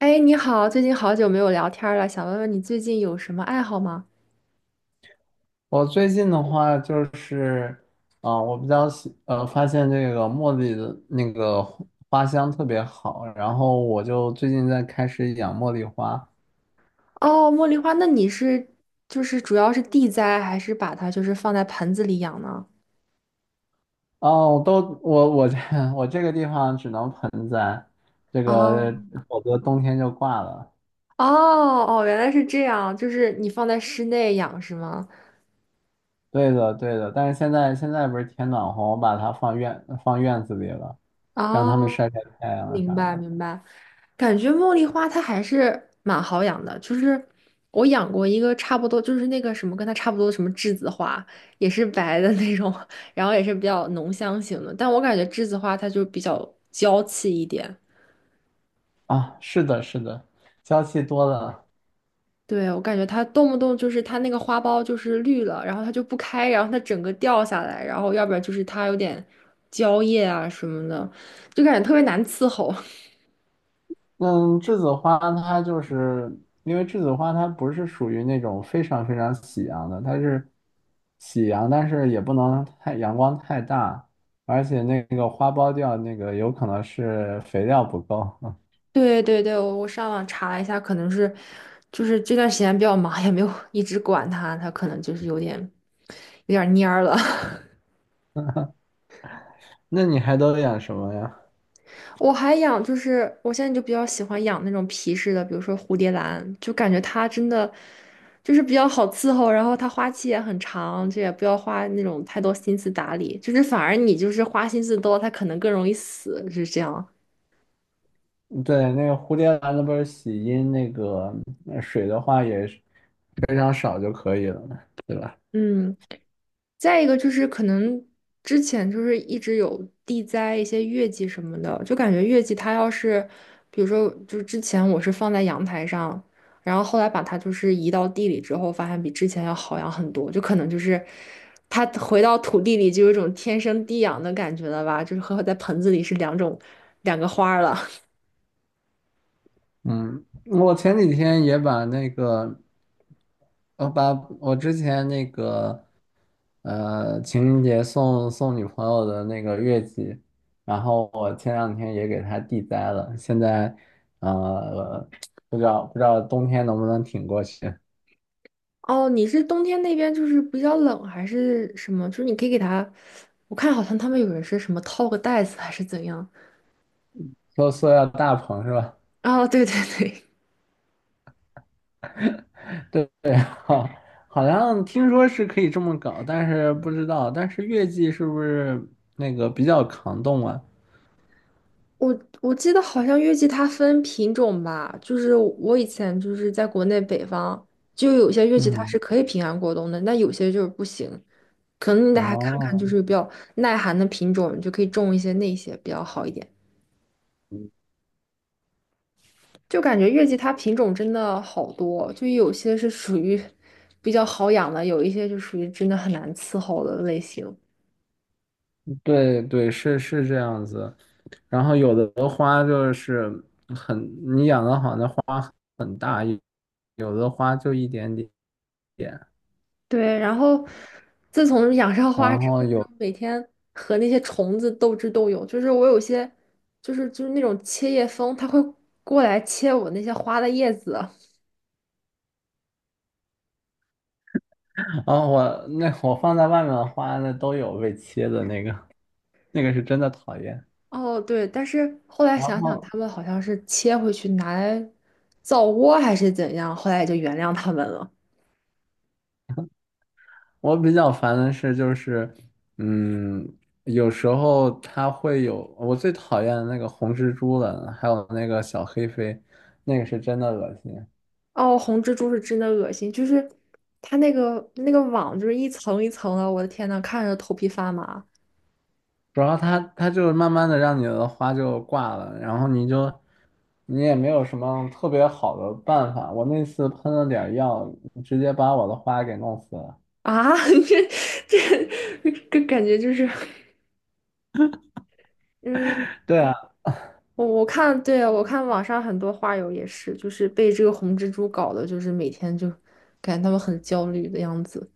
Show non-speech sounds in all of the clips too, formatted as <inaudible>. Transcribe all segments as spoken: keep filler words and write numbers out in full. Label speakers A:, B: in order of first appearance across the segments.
A: 哎，你好，最近好久没有聊天儿了，想问问你最近有什么爱好吗？
B: 我最近的话就是，啊、我比较喜呃，发现这个茉莉的那个花香特别好，然后我就最近在开始养茉莉花。
A: 哦，茉莉花，那你是就是主要是地栽，还是把它就是放在盆子里养呢？
B: 哦，我都我我这 <laughs> 我这个地方只能盆栽，这个
A: 哦
B: 否则冬天就挂了。
A: 哦哦，原来是这样，就是你放在室内养是吗？
B: 对的，对的，但是现在现在不是天暖和，我把它放院放院子里了，让它们
A: 哦，
B: 晒晒太阳
A: 明
B: 啥
A: 白
B: 的。
A: 明白。感觉茉莉花它还是蛮好养的，就是我养过一个差不多，就是那个什么跟它差不多的什么栀子花，也是白的那种，然后也是比较浓香型的，但我感觉栀子花它就比较娇气一点。
B: 啊，是的，是的，娇气多了。
A: 对，我感觉它动不动就是它那个花苞就是绿了，然后它就不开，然后它整个掉下来，然后要不然就是它有点焦叶啊什么的，就感觉特别难伺候。
B: 嗯，栀子花它就是因为栀子花它不是属于那种非常非常喜阳的，它是喜阳，但是也不能太阳光太大，而且那个花苞掉那个有可能是肥料不够。<laughs>
A: 对对对，我我上网查了一下，可能是就是这段时间比较忙，也没有一直管它，它可能就是有点有点蔫儿了。
B: 那你还都养什么呀？
A: <laughs> 我还养，就是我现在就比较喜欢养那种皮质的，比如说蝴蝶兰，就感觉它真的就是比较好伺候，然后它花期也很长，就也不要花那种太多心思打理，就是反而你就是花心思多，它可能更容易死，是这样。
B: 对，那个蝴蝶兰那不是喜阴那个呃水的话也是非常少就可以了，对吧？
A: 嗯。再一个就是可能之前就是一直有地栽一些月季什么的，就感觉月季它要是，比如说就是之前我是放在阳台上，然后后来把它就是移到地里之后，发现比之前要好养很多，就可能就是它回到土地里就有一种天生地养的感觉了吧，就是和在盆子里是两种两个花儿了。
B: 嗯，我前几天也把那个，我把我之前那个呃，情人节送送女朋友的那个月季，然后我前两天也给她地栽了，现在呃不知道不知道冬天能不能挺过去，
A: <laughs> 哦，你是冬天那边就是比较冷还是什么？就是你可以给它，我看好像他们有人是什么套个袋子还是怎样。
B: 说塑料大棚是吧？
A: 哦，对对对，
B: <laughs> 对对，好，好像听说是可以这么搞，但是不知道，但是月季是不是那个比较抗冻啊？
A: 我我记得好像月季它分品种吧，就是我以前就是在国内北方，就有些月季它
B: 嗯，
A: 是可以平安过冬的，那有些就是不行，可能你得还看看
B: 哦。
A: 就是比较耐寒的品种，你就可以种一些那些比较好一点。就感觉月季它品种真的好多，就有些是属于比较好养的，有一些就属于真的很难伺候的类型。
B: 对对，是是这样子。然后有的花就是很，你养的好，那花很大；有的花就一点点点。
A: 对，然后自从养上花
B: 然
A: 之
B: 后
A: 后，就
B: 有，
A: 每天和那些虫子斗智斗勇。就是我有些，就是就是那种切叶蜂，它会过来切我那些花的叶子。
B: 啊，我那我放在外面的花，那都有被切的那个，那个是真的讨厌。
A: 哦，对，但是后来
B: 然
A: 想想，
B: 后
A: 它们好像是切回去拿来造窝还是怎样，后来也就原谅它们了。
B: 我比较烦的是，就是，嗯，有时候它会有，我最讨厌的那个红蜘蛛了，还有那个小黑飞，那个是真的恶心。
A: 哦，红蜘蛛是真的恶心，就是它那个那个网就是一层一层的，我的天呐，看着头皮发麻
B: 主要它它就是慢慢的让你的花就挂了，然后你就你也没有什么特别好的办法。我那次喷了点儿药，直接把我的花给弄死了。
A: 啊！<laughs> 这这这感觉就是。嗯，
B: 对啊，
A: 我我看，对，我看网上很多花友也是，就是被这个红蜘蛛搞的，就是每天就感觉他们很焦虑的样子。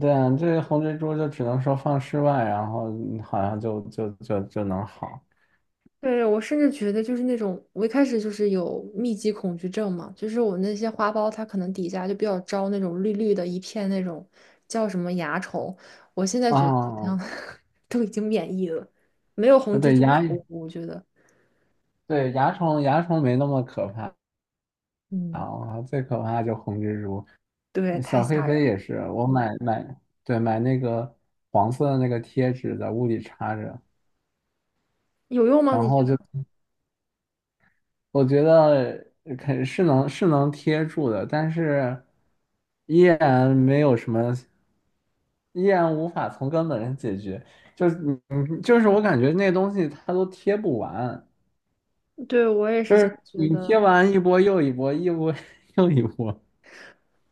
B: 对啊，这个红蜘蛛就只能说放室外，然后嗯好像就就就就能好
A: 对，我甚至觉得就是那种，我一开始就是有密集恐惧症嘛，就是我那些花苞它可能底下就比较招那种绿绿的一片那种叫什么蚜虫，我现在觉得好像
B: 啊。
A: <laughs> 都已经免疫了，没有
B: 呃
A: 红蜘
B: 对
A: 蛛可
B: 蚜
A: 恶，我觉得。
B: 对蚜虫蚜虫没那么可怕
A: 嗯，
B: 啊，我靠最可怕就红蜘蛛。
A: 对，
B: 呃
A: 太
B: 小黑
A: 吓人
B: 飞
A: 了，
B: 也是，我买买对买那个黄色的那个贴纸在屋里插着。
A: 有用吗？
B: 然
A: 你觉
B: 后就
A: 得？
B: 我觉得肯是能是能贴住的，但是依然没有什么，依然无法从根本上解决。就是你，你就是我感觉那东西它都贴不完，
A: 对，我也
B: 就
A: 是这么
B: 是
A: 觉
B: 你
A: 得。
B: 贴完一波又一波，一波 <laughs> 又一波。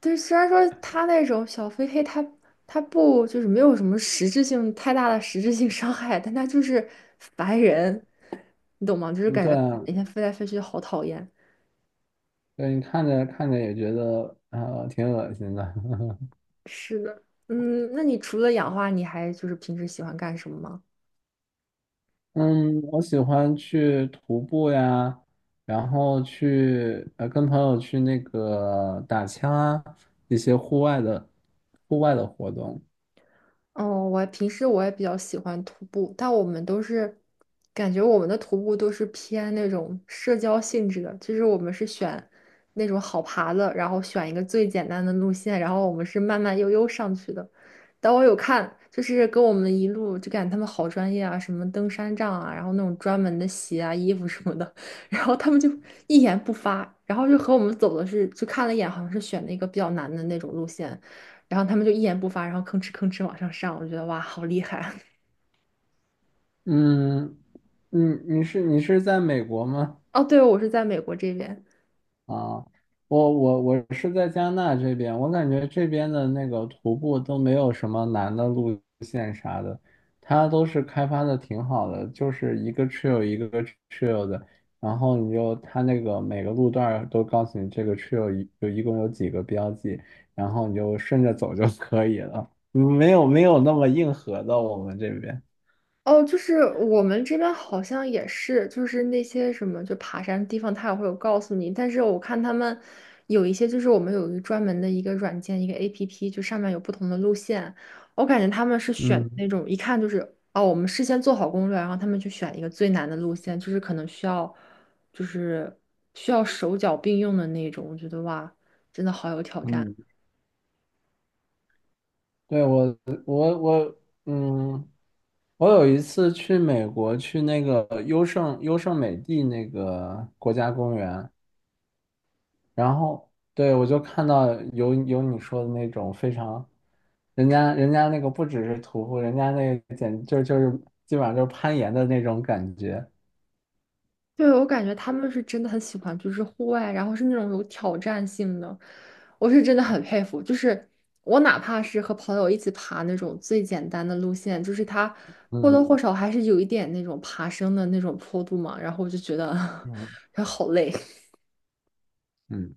A: 对，虽然说他那种小飞黑他他不就是没有什么实质性太大的实质性伤害，但他就是烦人，你懂吗？就是
B: 嗯，
A: 感
B: 对
A: 觉
B: 啊，
A: 每天飞来飞去好讨厌。
B: 对，你看着看着也觉得呃挺恶心的。<laughs>
A: 是的，嗯，那你除了养花，你还就是平时喜欢干什么吗？
B: 嗯，我喜欢去徒步呀，然后去呃跟朋友去那个打枪啊，一些户外的户外的活动。
A: 哦，我平时我也比较喜欢徒步，但我们都是感觉我们的徒步都是偏那种社交性质的，就是我们是选那种好爬的，然后选一个最简单的路线，然后我们是慢慢悠悠上去的。但我有看，就是跟我们一路就感觉他们好专业啊，什么登山杖啊，然后那种专门的鞋啊、衣服什么的，<laughs> 然后他们就一言不发，然后就和我们走的是，就看了一眼，好像是选了一个比较难的那种路线。然后他们就一言不发，然后吭哧吭哧往上上，我就觉得哇，好厉害！
B: 嗯，你你是你是在美国吗？
A: <laughs> 哦，对，我是在美国这边。
B: 啊，我我我是在加纳这边，我感觉这边的那个徒步都没有什么难的路线啥的，它都是开发的挺好的，就是一个 trail 一个 trail 的，然后你就它那个每个路段儿都告诉你这个 trail 一有一共有几个标记，然后你就顺着走就可以了，嗯没有没有那么硬核的我们这边。
A: 哦，就是我们这边好像也是，就是那些什么就爬山的地方，他也会有告诉你。但是我看他们有一些，就是我们有一个专门的一个软件，一个 A P P，就上面有不同的路线。我感觉他们是选
B: 嗯
A: 那种一看就是哦，我们事先做好攻略，然后他们去选一个最难的路线，就是可能需要就是需要手脚并用的那种。我觉得哇，真的好有挑战。
B: 嗯，对，我我我，嗯，我有一次去美国，去那个优胜优胜美地那个国家公园，然后对我就看到有有你说的那种非常，人家人家那个不只是徒步，人家那个简就就是基本上就是攀岩的那种感觉。
A: 对，我感觉他们是真的很喜欢，就是户外，然后是那种有挑战性的，我是真的很佩服。就是我哪怕是和朋友一起爬那种最简单的路线，就是它或多或
B: 嗯
A: 少还是有一点那种爬升的那种坡度嘛，然后我就觉得
B: 嗯。
A: <laughs> 好累。
B: 嗯。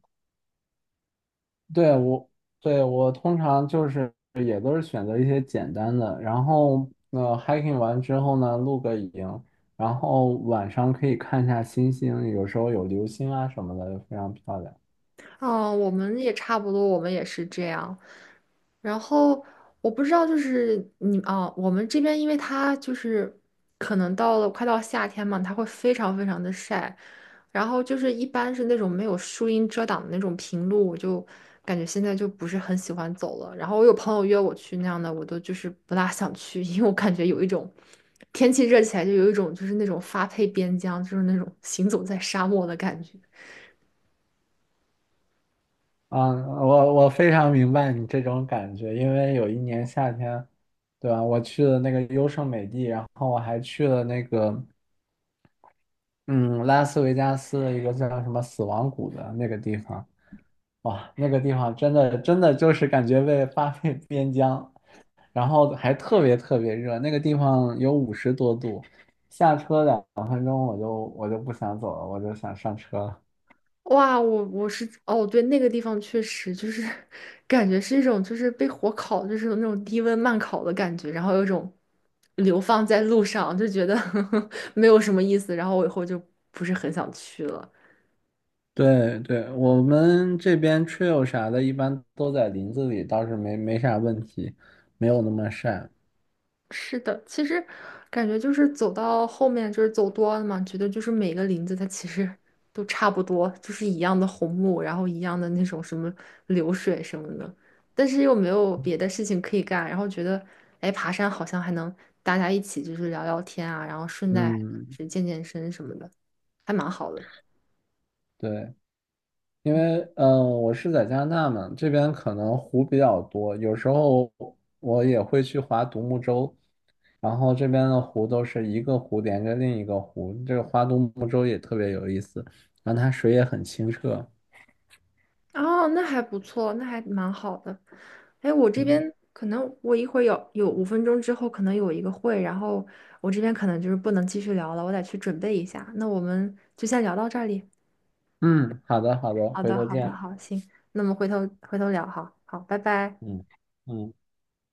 B: 对我，对我通常就是也都是选择一些简单的，然后呃 hiking 完之后呢，露个营，然后晚上可以看一下星星，有时候有流星啊什么的，非常漂亮。
A: 哦，我们也差不多，我们也是这样。然后我不知道，就是你啊，我们这边因为它就是可能到了快到夏天嘛，它会非常非常的晒，然后就是一般是那种没有树荫遮挡的那种平路，我就感觉现在就不是很喜欢走了。然后我有朋友约我去那样的，我都就是不大想去，<laughs> 因为我感觉有一种天气热起来就有一种就是那种发配边疆，就是那种行走在沙漠的感觉。
B: 啊，我我非常明白你这种感觉，因为有一年夏天，对吧？我去了那个优胜美地，然后我还去了那个嗯拉斯维加斯的一个叫什么死亡谷的那个地方。哇，那个地方真的真的就是感觉被发 <laughs> 配边疆，然后还特别特别热，那个地方有五十多度，下车两分钟我就我就不想走了，我就想上车了。
A: 哇，我我是哦，对，那个地方确实就是 <laughs> 感觉是一种就是被火烤，就是那种低温慢烤的感觉，然后有一种流放在路上，就觉得 <laughs> 没有什么意思，然后我以后就不是很想去了。
B: 对对，我们这边 trail 啥的，一般都在林子里，倒是没没啥问题，没有那么晒。
A: 是的，其实感觉就是走到后面，就是走多了嘛，觉得就是每个林子它其实 <laughs> 都差不多，就是一样的红木，然后一样的那种什么流水什么的，但是又没有别的事情可以干，然后觉得，哎，爬山好像还能大家一起就是聊聊天啊，然后顺带还能
B: 嗯，
A: 是健健身什么的，还蛮好的。
B: 对，因为嗯、呃我是在加拿大嘛，这边可能湖比较多，有时候我也会去划独木舟，然后这边的湖都是一个湖连着另一个湖，这个花都木洲也特别有意思，然后它水也很清澈。
A: 哦，那还不错，那还蛮好的。哎，我这
B: 嗯
A: 边可能我一会儿有有五分钟之后可能有一个会，然后我这边可能就是不能继续聊了，我得去准备一下。那我们就先聊到这里。
B: 嗯，好的好的，
A: 好
B: 回
A: 的，
B: 头
A: 好的，
B: 见。
A: 好，行，那么回头回头聊哈，好，拜拜。
B: 嗯嗯。